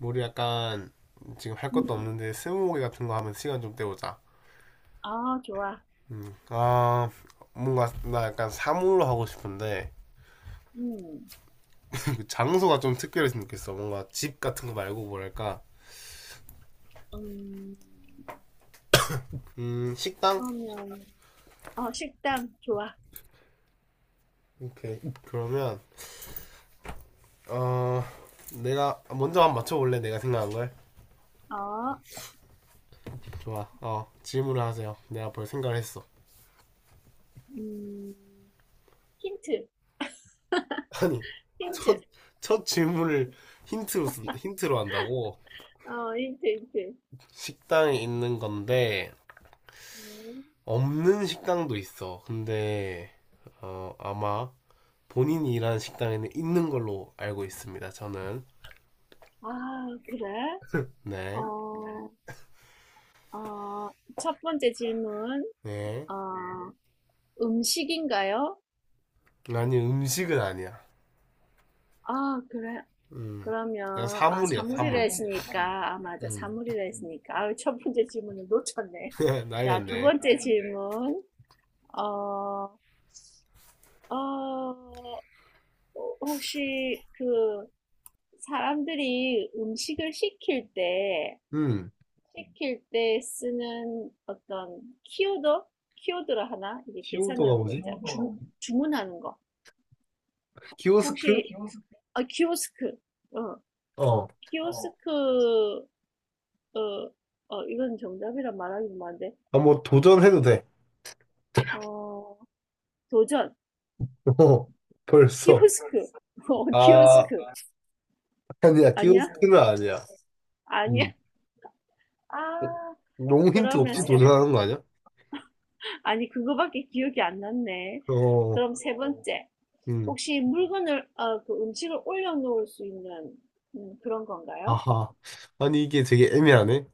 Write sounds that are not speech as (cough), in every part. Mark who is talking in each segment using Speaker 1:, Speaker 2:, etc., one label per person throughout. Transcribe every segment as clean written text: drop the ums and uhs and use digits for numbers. Speaker 1: 우리 약간 지금 할 것도
Speaker 2: 음.
Speaker 1: 없는데 스무고개 같은 거 하면 시간 좀 때우자.
Speaker 2: 아, 좋아.
Speaker 1: 음. 뭔가 나 약간 사물로 하고 싶은데
Speaker 2: 음.
Speaker 1: (laughs) 장소가 좀 특별했으면 좋겠어. 뭔가 집 같은 거 말고 뭐랄까
Speaker 2: 음.
Speaker 1: 식당?
Speaker 2: 그러면 어, 식당 좋아.
Speaker 1: 오케이. 그러면 어 내가 먼저 한번 맞춰볼래? 내가 생각한 걸?
Speaker 2: 어.
Speaker 1: 좋아. 질문을 하세요. 내가 벌 생각을 했어.
Speaker 2: 음. 힌트.
Speaker 1: (laughs) 아니 첫
Speaker 2: 힌트.
Speaker 1: 첫 질문을 힌트로 한다고.
Speaker 2: 어, 힌트.
Speaker 1: 식당에 있는 건데
Speaker 2: 음.
Speaker 1: 없는 식당도 있어. 근데 아마 본인이 일하는 식당에는 있는 걸로 알고 있습니다. 저는.
Speaker 2: 아, 그래?
Speaker 1: 네,
Speaker 2: 어. 어, 첫 번째 질문.
Speaker 1: 네.
Speaker 2: 어, 음식인가요?
Speaker 1: 아니 음식은 아니야.
Speaker 2: 아, 그래.
Speaker 1: 음, 난
Speaker 2: 그러면 아,
Speaker 1: 사물이야
Speaker 2: 사물이라
Speaker 1: 사물.
Speaker 2: 했으니까 아, 맞아.
Speaker 1: 음,
Speaker 2: 사물이라 했으니까. 아, 첫 번째 질문을 놓쳤네.
Speaker 1: (laughs)
Speaker 2: 자, 두
Speaker 1: 날렸네.
Speaker 2: 번째 질문. 어, 어, 혹시 그 사람들이 음식을
Speaker 1: 음,
Speaker 2: 시킬 때 쓰는 어떤 키워드? 키워드라 하나? 이게
Speaker 1: 키오도가
Speaker 2: 계산하는 거
Speaker 1: 뭐지?
Speaker 2: 있잖아. 주문하는 거.
Speaker 1: 키오스크?
Speaker 2: 혹시, 키오스크, 아, 키오스크. 어,
Speaker 1: 어,
Speaker 2: 키오스크, 어, 어, 이건 정답이라 말하기 뭐한데,
Speaker 1: 뭐 도전해도 돼.
Speaker 2: 어, 도전.
Speaker 1: (laughs) 어, 벌써.
Speaker 2: 키오스크. (laughs) 어,
Speaker 1: 아,
Speaker 2: 키오스크.
Speaker 1: 아니야
Speaker 2: 아니야?
Speaker 1: 키오스크는 아니야.
Speaker 2: 아니야?
Speaker 1: 음,
Speaker 2: 아,
Speaker 1: 너무 힌트
Speaker 2: 그러면
Speaker 1: 없이
Speaker 2: 세,
Speaker 1: 도전하는
Speaker 2: 번
Speaker 1: 거 아니야?
Speaker 2: 아니, 그거밖에 기억이 안 났네.
Speaker 1: 어,
Speaker 2: 그럼 세 번째,
Speaker 1: 음.
Speaker 2: 혹시 물건을, 어, 그 음식을 올려놓을 수 있는 그런 건가요?
Speaker 1: 아하. 아니, 이게 되게 애매하네.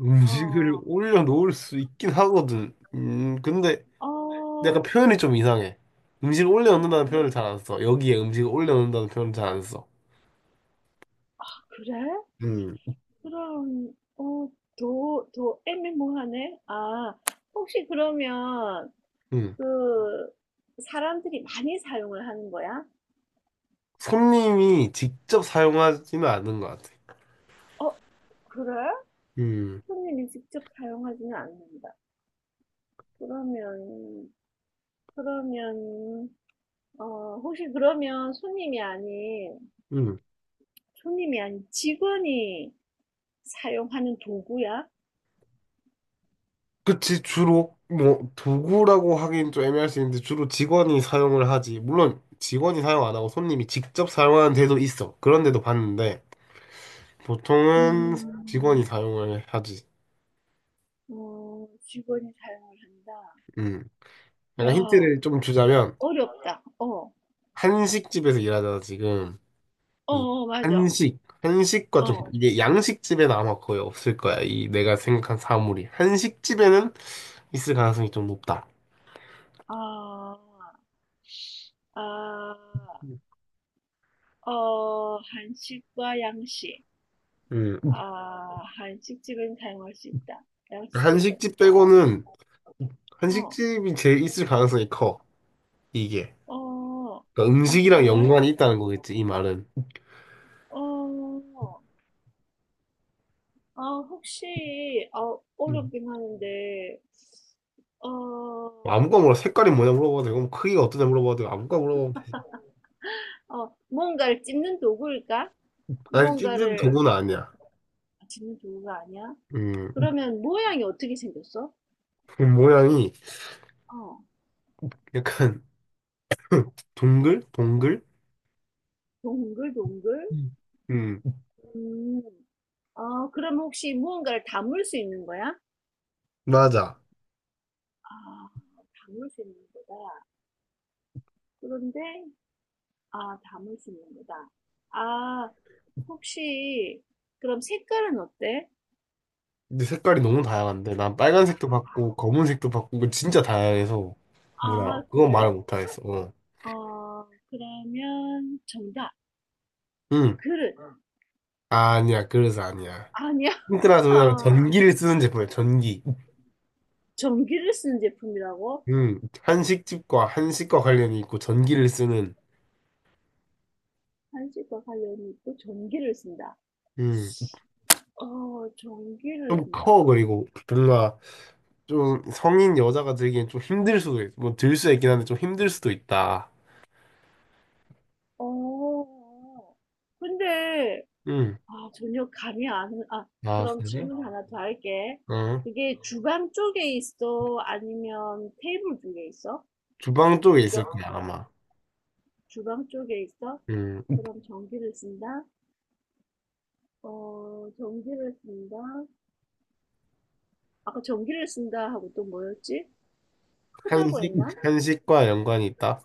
Speaker 1: 음식을
Speaker 2: 어,
Speaker 1: 올려놓을 수 있긴 하거든. 근데
Speaker 2: 어,
Speaker 1: 약간 표현이 좀 이상해. 음식을
Speaker 2: 어,
Speaker 1: 올려놓는다는 표현을 잘 안 써. 여기에 음식을 올려놓는다는 표현을 잘 안 써.
Speaker 2: 그래?
Speaker 1: 음,
Speaker 2: 그럼, 어, 더 애매모호하네? 아, 혹시 그러면
Speaker 1: 음.
Speaker 2: 그 사람들이 많이 사용을 하는 거야?
Speaker 1: 손님이 직접 사용하지는 않는 것 같아.
Speaker 2: 어, 그래?
Speaker 1: 음,
Speaker 2: 손님이 직접 사용하지는 않는다. 그러면, 그러면, 어, 혹시 그러면
Speaker 1: 음.
Speaker 2: 손님이 아닌 직원이 사용하는 도구야?
Speaker 1: 그치, 주로, 뭐, 도구라고 하긴 좀 애매할 수 있는데, 주로 직원이 사용을 하지. 물론, 직원이 사용 안 하고 손님이 직접 사용하는 데도 있어. 그런 데도 봤는데, 보통은 직원이
Speaker 2: 음,
Speaker 1: 사용을 하지.
Speaker 2: 어, 직원이 사용을 한다.
Speaker 1: 음. 약간
Speaker 2: 야,
Speaker 1: 힌트를 좀 주자면
Speaker 2: 어렵다. 어,
Speaker 1: 한식집에서 일하잖아 지금.
Speaker 2: 어,
Speaker 1: 이
Speaker 2: 어, 맞아.
Speaker 1: 한식과 좀
Speaker 2: 어,
Speaker 1: 이게 양식집에는 아마 거의 없을 거야. 이 내가 생각한 사물이 한식집에는 있을 가능성이 좀 높다.
Speaker 2: 아, 아, 어, 한식과 양식.
Speaker 1: 음.
Speaker 2: 아, 한식집은 사용할 수 있다. 양식집은
Speaker 1: 한식집
Speaker 2: 없다.
Speaker 1: 빼고는
Speaker 2: 어,
Speaker 1: 한식집이 제일 있을 가능성이 커. 이게
Speaker 2: 어,
Speaker 1: 그러니까
Speaker 2: 어,
Speaker 1: 음식이랑
Speaker 2: 그래?
Speaker 1: 연관이 있다는 거겠지 이 말은.
Speaker 2: 어, 아, 혹시, 어
Speaker 1: 음.
Speaker 2: 어렵긴 하는데, 어,
Speaker 1: 아무거나 물어. 색깔이 뭐냐 물어봐도 되고 뭐 크기가 어떠냐 물어봐도 되고 아무거나 물어봐도 되지.
Speaker 2: 어, 뭔가를 찝는 도구일까?
Speaker 1: 아니 찝는
Speaker 2: 뭔가를
Speaker 1: 도구는 아니야.
Speaker 2: 아, 찝는 도구가 아니야?
Speaker 1: 음.
Speaker 2: 그러면 모양이 어떻게 생겼어?
Speaker 1: 그 모양이
Speaker 2: 어,
Speaker 1: 약간 동글? 동글?
Speaker 2: 동글동글?
Speaker 1: 음. 음,
Speaker 2: 음, 아, 그럼 혹시 무언가를 담을 수 있는 거야?
Speaker 1: 맞아.
Speaker 2: 아, 담을 수 있는 거다. 그런데, 아, 담을 수 있는 거다. 아, 혹시, 그럼 색깔은 어때?
Speaker 1: 근데 색깔이 너무 다양한데, 난 빨간색도 봤고, 검은색도 봤고, 그 진짜 다양해서, 뭐라,
Speaker 2: 아,
Speaker 1: 그건
Speaker 2: 그래?
Speaker 1: 말을 못하겠어. 어.
Speaker 2: 어, 그러면 정답.
Speaker 1: 응.
Speaker 2: 그릇. 응.
Speaker 1: 아니야, 그래서 아니야.
Speaker 2: 아니야.
Speaker 1: 힌트라 서자면
Speaker 2: (laughs)
Speaker 1: 전기를 쓰는 제품이야, 전기.
Speaker 2: 전기를 쓰는 제품이라고?
Speaker 1: 응. 한식집과 한식과 관련이 있고, 전기를 쓰는.
Speaker 2: 한식과 관련이 있고 전기를 쓴다.
Speaker 1: 응.
Speaker 2: 어, 전기를
Speaker 1: 좀
Speaker 2: 쓴다.
Speaker 1: 커, 그리고 뭔가 좀 성인 여자가 들기엔 좀 힘들 수도 있어. 뭐, 들 수 있긴 한데 좀 힘들 수도 있다.
Speaker 2: 어, 근데,
Speaker 1: 응.
Speaker 2: 아, 전혀 감이 안, 아,
Speaker 1: 아,
Speaker 2: 그럼
Speaker 1: 그래?
Speaker 2: 질문 하나 더 할게.
Speaker 1: 어.
Speaker 2: 그게 주방 쪽에 있어? 아니면 테이블 쪽에 있어?
Speaker 1: 주방 쪽에
Speaker 2: 이거
Speaker 1: 있을 거야, 아마.
Speaker 2: 주방 쪽에 있어?
Speaker 1: 음,
Speaker 2: 그럼 전기를 쓴다? 어, 전기를 쓴다? 아까 전기를 쓴다 하고 또 뭐였지? 크다고
Speaker 1: 한식,
Speaker 2: 했나?
Speaker 1: 한식과 연관이 있다.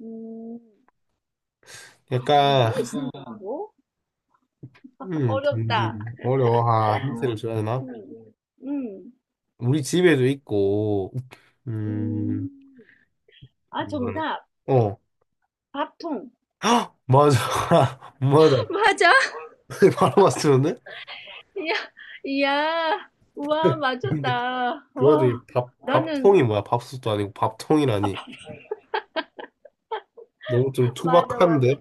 Speaker 2: 음, 아,
Speaker 1: 약간,
Speaker 2: 전기를 쓴다고?
Speaker 1: 되게
Speaker 2: 어렵다.
Speaker 1: 어려워. 아, 힌트를 줘야 되나?
Speaker 2: 음. 음,
Speaker 1: 우리 집에도 있고, 음,
Speaker 2: 음, 음. 아,
Speaker 1: 뭐랄,
Speaker 2: 정답.
Speaker 1: 어,
Speaker 2: 밥통.
Speaker 1: 헉! 맞아. (laughs) 맞아.
Speaker 2: (laughs) 맞아?
Speaker 1: (laughs) 바로 맞추는데?
Speaker 2: 이야, 이야. 와,
Speaker 1: 근데,
Speaker 2: 맞췄다.
Speaker 1: 그거 되게
Speaker 2: 와,
Speaker 1: 밥,
Speaker 2: 나는,
Speaker 1: 밥통이 뭐야? 밥솥도 아니고
Speaker 2: 아, (laughs)
Speaker 1: 밥통이라니.
Speaker 2: 밥,
Speaker 1: 너무 좀
Speaker 2: 맞아, 맞아.
Speaker 1: 투박한데?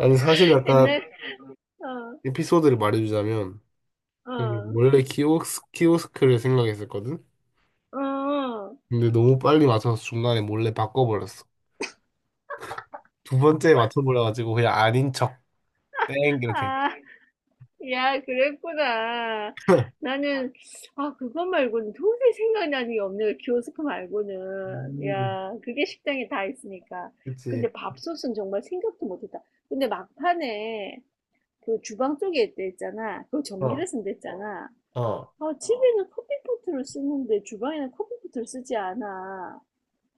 Speaker 1: 아니, 사실 약간
Speaker 2: 옛날, 어,
Speaker 1: 에피소드를 말해주자면, 저기
Speaker 2: 어,
Speaker 1: 원래 키오스, 키오스크를 생각했었거든?
Speaker 2: 어.
Speaker 1: 근데 너무 빨리 맞춰서 중간에 몰래 바꿔버렸어. 두 번째 맞춰버려가지고 그냥 아닌 척, 땡, 이렇게.
Speaker 2: 아, 야, 그랬구나.
Speaker 1: (laughs)
Speaker 2: 나는, 아, 그거 말고는 도저히 생각나는 게 없네. 그 키오스크 말고는.
Speaker 1: 음,
Speaker 2: 야, 그게 식당에 다 있으니까.
Speaker 1: 그치.
Speaker 2: 근데 밥솥은 정말 생각도 못했다. 근데 막판에 그 주방 쪽에 있 했잖아. 그거
Speaker 1: 어,
Speaker 2: 전기를 쓴다 어, 했잖아.
Speaker 1: 어,
Speaker 2: 아, 어. 집에는 커피포트를 쓰는데 주방에는 커피포트를 쓰지 않아.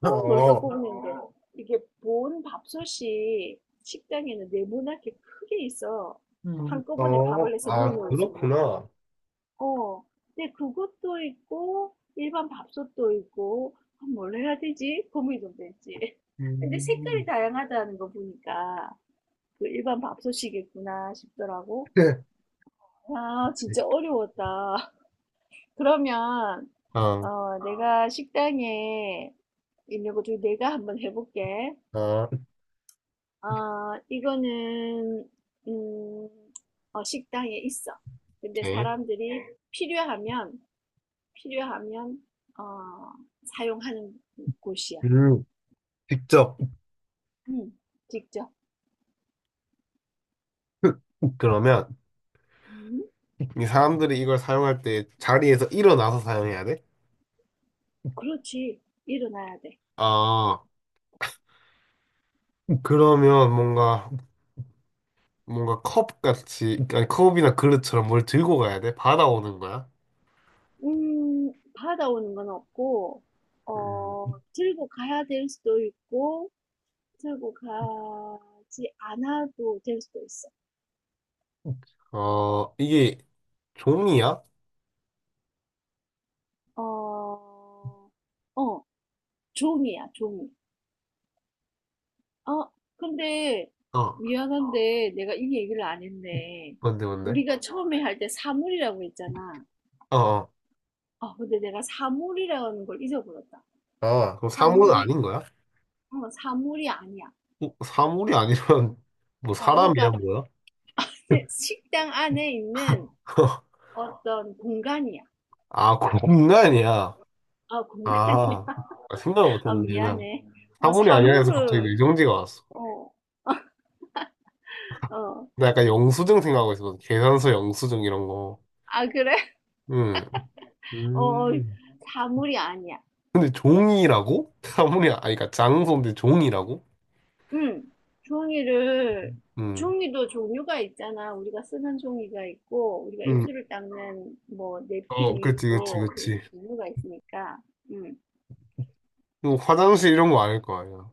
Speaker 2: 어 뭘까
Speaker 1: 어,
Speaker 2: 고민인데 이게 본 밥솥이 식당에는 네모나게 크게 있어 한꺼번에
Speaker 1: 어.
Speaker 2: 밥을 해서 넣어
Speaker 1: 아,
Speaker 2: 놓을 수 있는 거.
Speaker 1: 그렇구나.
Speaker 2: 어, 근데 그것도 있고 일반 밥솥도 있고 아, 뭘 해야 되지? 고민이 좀 되지. (laughs) 근데 색깔이
Speaker 1: 음.
Speaker 2: 다양하다는 거 보니까 그 일반 밥솥이겠구나 싶더라고.
Speaker 1: (laughs)
Speaker 2: 아, 진짜 어려웠다. (laughs) 그러면
Speaker 1: 어,
Speaker 2: 어, 내가 식당에 있는 것 중에 내가 한번 해볼게.
Speaker 1: 어,
Speaker 2: 아, 이거는, 음, 어, 식당에 있어. 근데
Speaker 1: 오케이.
Speaker 2: 사람들이 필요하면, 필요하면, 어, 사용하는 곳이야.
Speaker 1: 음, 직접.
Speaker 2: 음, 직접.
Speaker 1: (laughs) 그러면
Speaker 2: 음,
Speaker 1: 이 사람들이 이걸 사용할 때 자리에서 일어나서 사용해야 돼?
Speaker 2: 그렇지. 일어나야 돼.
Speaker 1: 아, 그러면 뭔가 뭔가 컵 같이 아니 컵이나 그릇처럼 뭘 들고 가야 돼? 받아오는 거야?
Speaker 2: 받아오는 건 없고, 어,
Speaker 1: 음.
Speaker 2: 들고 가야 될 수도 있고, 들고 가지 않아도 될 수도 있어.
Speaker 1: 이게 종이야?
Speaker 2: 어, 어, 종이야, 종이. 어 근데 어,
Speaker 1: 어,
Speaker 2: 미안한데 내가 이 얘기를 안 했네.
Speaker 1: 뭔데, 뭔데?
Speaker 2: 우리가 처음에 할 때 사물이라고 했잖아.
Speaker 1: 어, 어.
Speaker 2: 아, 근데 내가 사물이라는 걸 잊어버렸다. 아,
Speaker 1: 아, 그럼 사물은
Speaker 2: 사물이,
Speaker 1: 아닌 거야?
Speaker 2: 어, 사물이 아니야.
Speaker 1: 사물이 아니면, (laughs) 뭐,
Speaker 2: 어,
Speaker 1: 사람이야,
Speaker 2: 그러니까
Speaker 1: 뭐야?
Speaker 2: (laughs) 식당 안에 있는
Speaker 1: (laughs)
Speaker 2: 어, 떤 공간이야.
Speaker 1: 아, 공간이야.
Speaker 2: 아, 공간이야. (laughs)
Speaker 1: 아,
Speaker 2: 아,
Speaker 1: 생각을
Speaker 2: 아,
Speaker 1: 못했네, 그냥.
Speaker 2: 미안해. 어, 아,
Speaker 1: 사물이 아니라 해서 갑자기
Speaker 2: 사물을,
Speaker 1: 뇌정지가 왔어.
Speaker 2: 아 어, 어.
Speaker 1: 나 약간 영수증 생각하고 있었거든. 계산서 영수증 이런 거.
Speaker 2: 아, 그래? (laughs)
Speaker 1: 응.
Speaker 2: 어,
Speaker 1: 음.
Speaker 2: 사물이 아니야.
Speaker 1: 근데 종이라고? (laughs) 사물이, 아니, 그러니까 장소인데 종이라고?
Speaker 2: 응. 종이를
Speaker 1: 응.
Speaker 2: 종이도 종류가 있잖아. 우리가 쓰는 종이가 있고 우리가
Speaker 1: 응.
Speaker 2: 입술을 닦는 뭐
Speaker 1: 어,
Speaker 2: 냅킨이
Speaker 1: 그치, 그치,
Speaker 2: 있고
Speaker 1: 그치.
Speaker 2: 종류가 있으니까. 응.
Speaker 1: 이거 화장실 이런 거 아닐 거 아니야.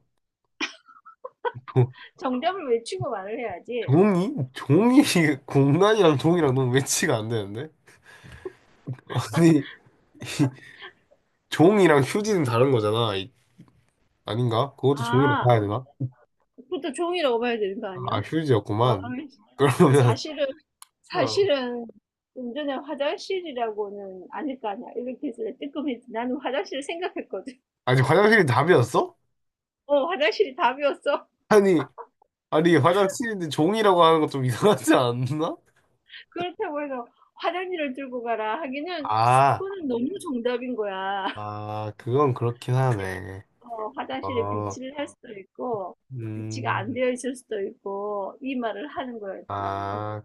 Speaker 1: 조-
Speaker 2: 정답을 외치고 말을 해야지.
Speaker 1: 종이? 종이, (laughs) 공란이랑 종이랑 너무 매치가 안 되는데? 아니, 종이랑 휴지는 다른 거잖아. 아닌가? 그것도 종이랑
Speaker 2: 아,
Speaker 1: 봐야 되나?
Speaker 2: 그것도 종이라고 봐야 되는 거
Speaker 1: 아,
Speaker 2: 아니야? 아,
Speaker 1: 휴지였구만. 그러면,
Speaker 2: 사실은
Speaker 1: 어.
Speaker 2: 사실은 좀 전에 화장실이라고는 아닐 거 아니야. 이렇게 해서 뜨끔했지. 나는 화장실을 생각했거든.
Speaker 1: 아니, 화장실이 답이었어?
Speaker 2: 어, 화장실이 답이었어.
Speaker 1: 아니, 아니, 화장실인데 종이라고 하는 거 좀 이상하지 않나?
Speaker 2: 그렇다고 해서 화장실을 들고 가라 하기는
Speaker 1: 아,
Speaker 2: 그거는 너무 정답인 거야. (laughs)
Speaker 1: 아, 그건 그렇긴
Speaker 2: 근데,
Speaker 1: 하네.
Speaker 2: 어, 화장실에
Speaker 1: 어,
Speaker 2: 비치를 할 수도 있고 비치가 안
Speaker 1: 음,
Speaker 2: 되어 있을 수도 있고 이 말을 하는 거였지.
Speaker 1: 아,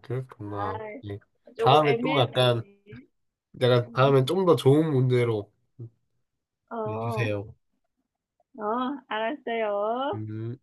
Speaker 2: 아,
Speaker 1: 그렇구나. 예.
Speaker 2: 조금
Speaker 1: 다음에 또 약간
Speaker 2: 애매했지.
Speaker 1: 내가 다음엔 좀 더 좋은 문제로
Speaker 2: 어,
Speaker 1: 내주세요.
Speaker 2: 알았어요.
Speaker 1: 음.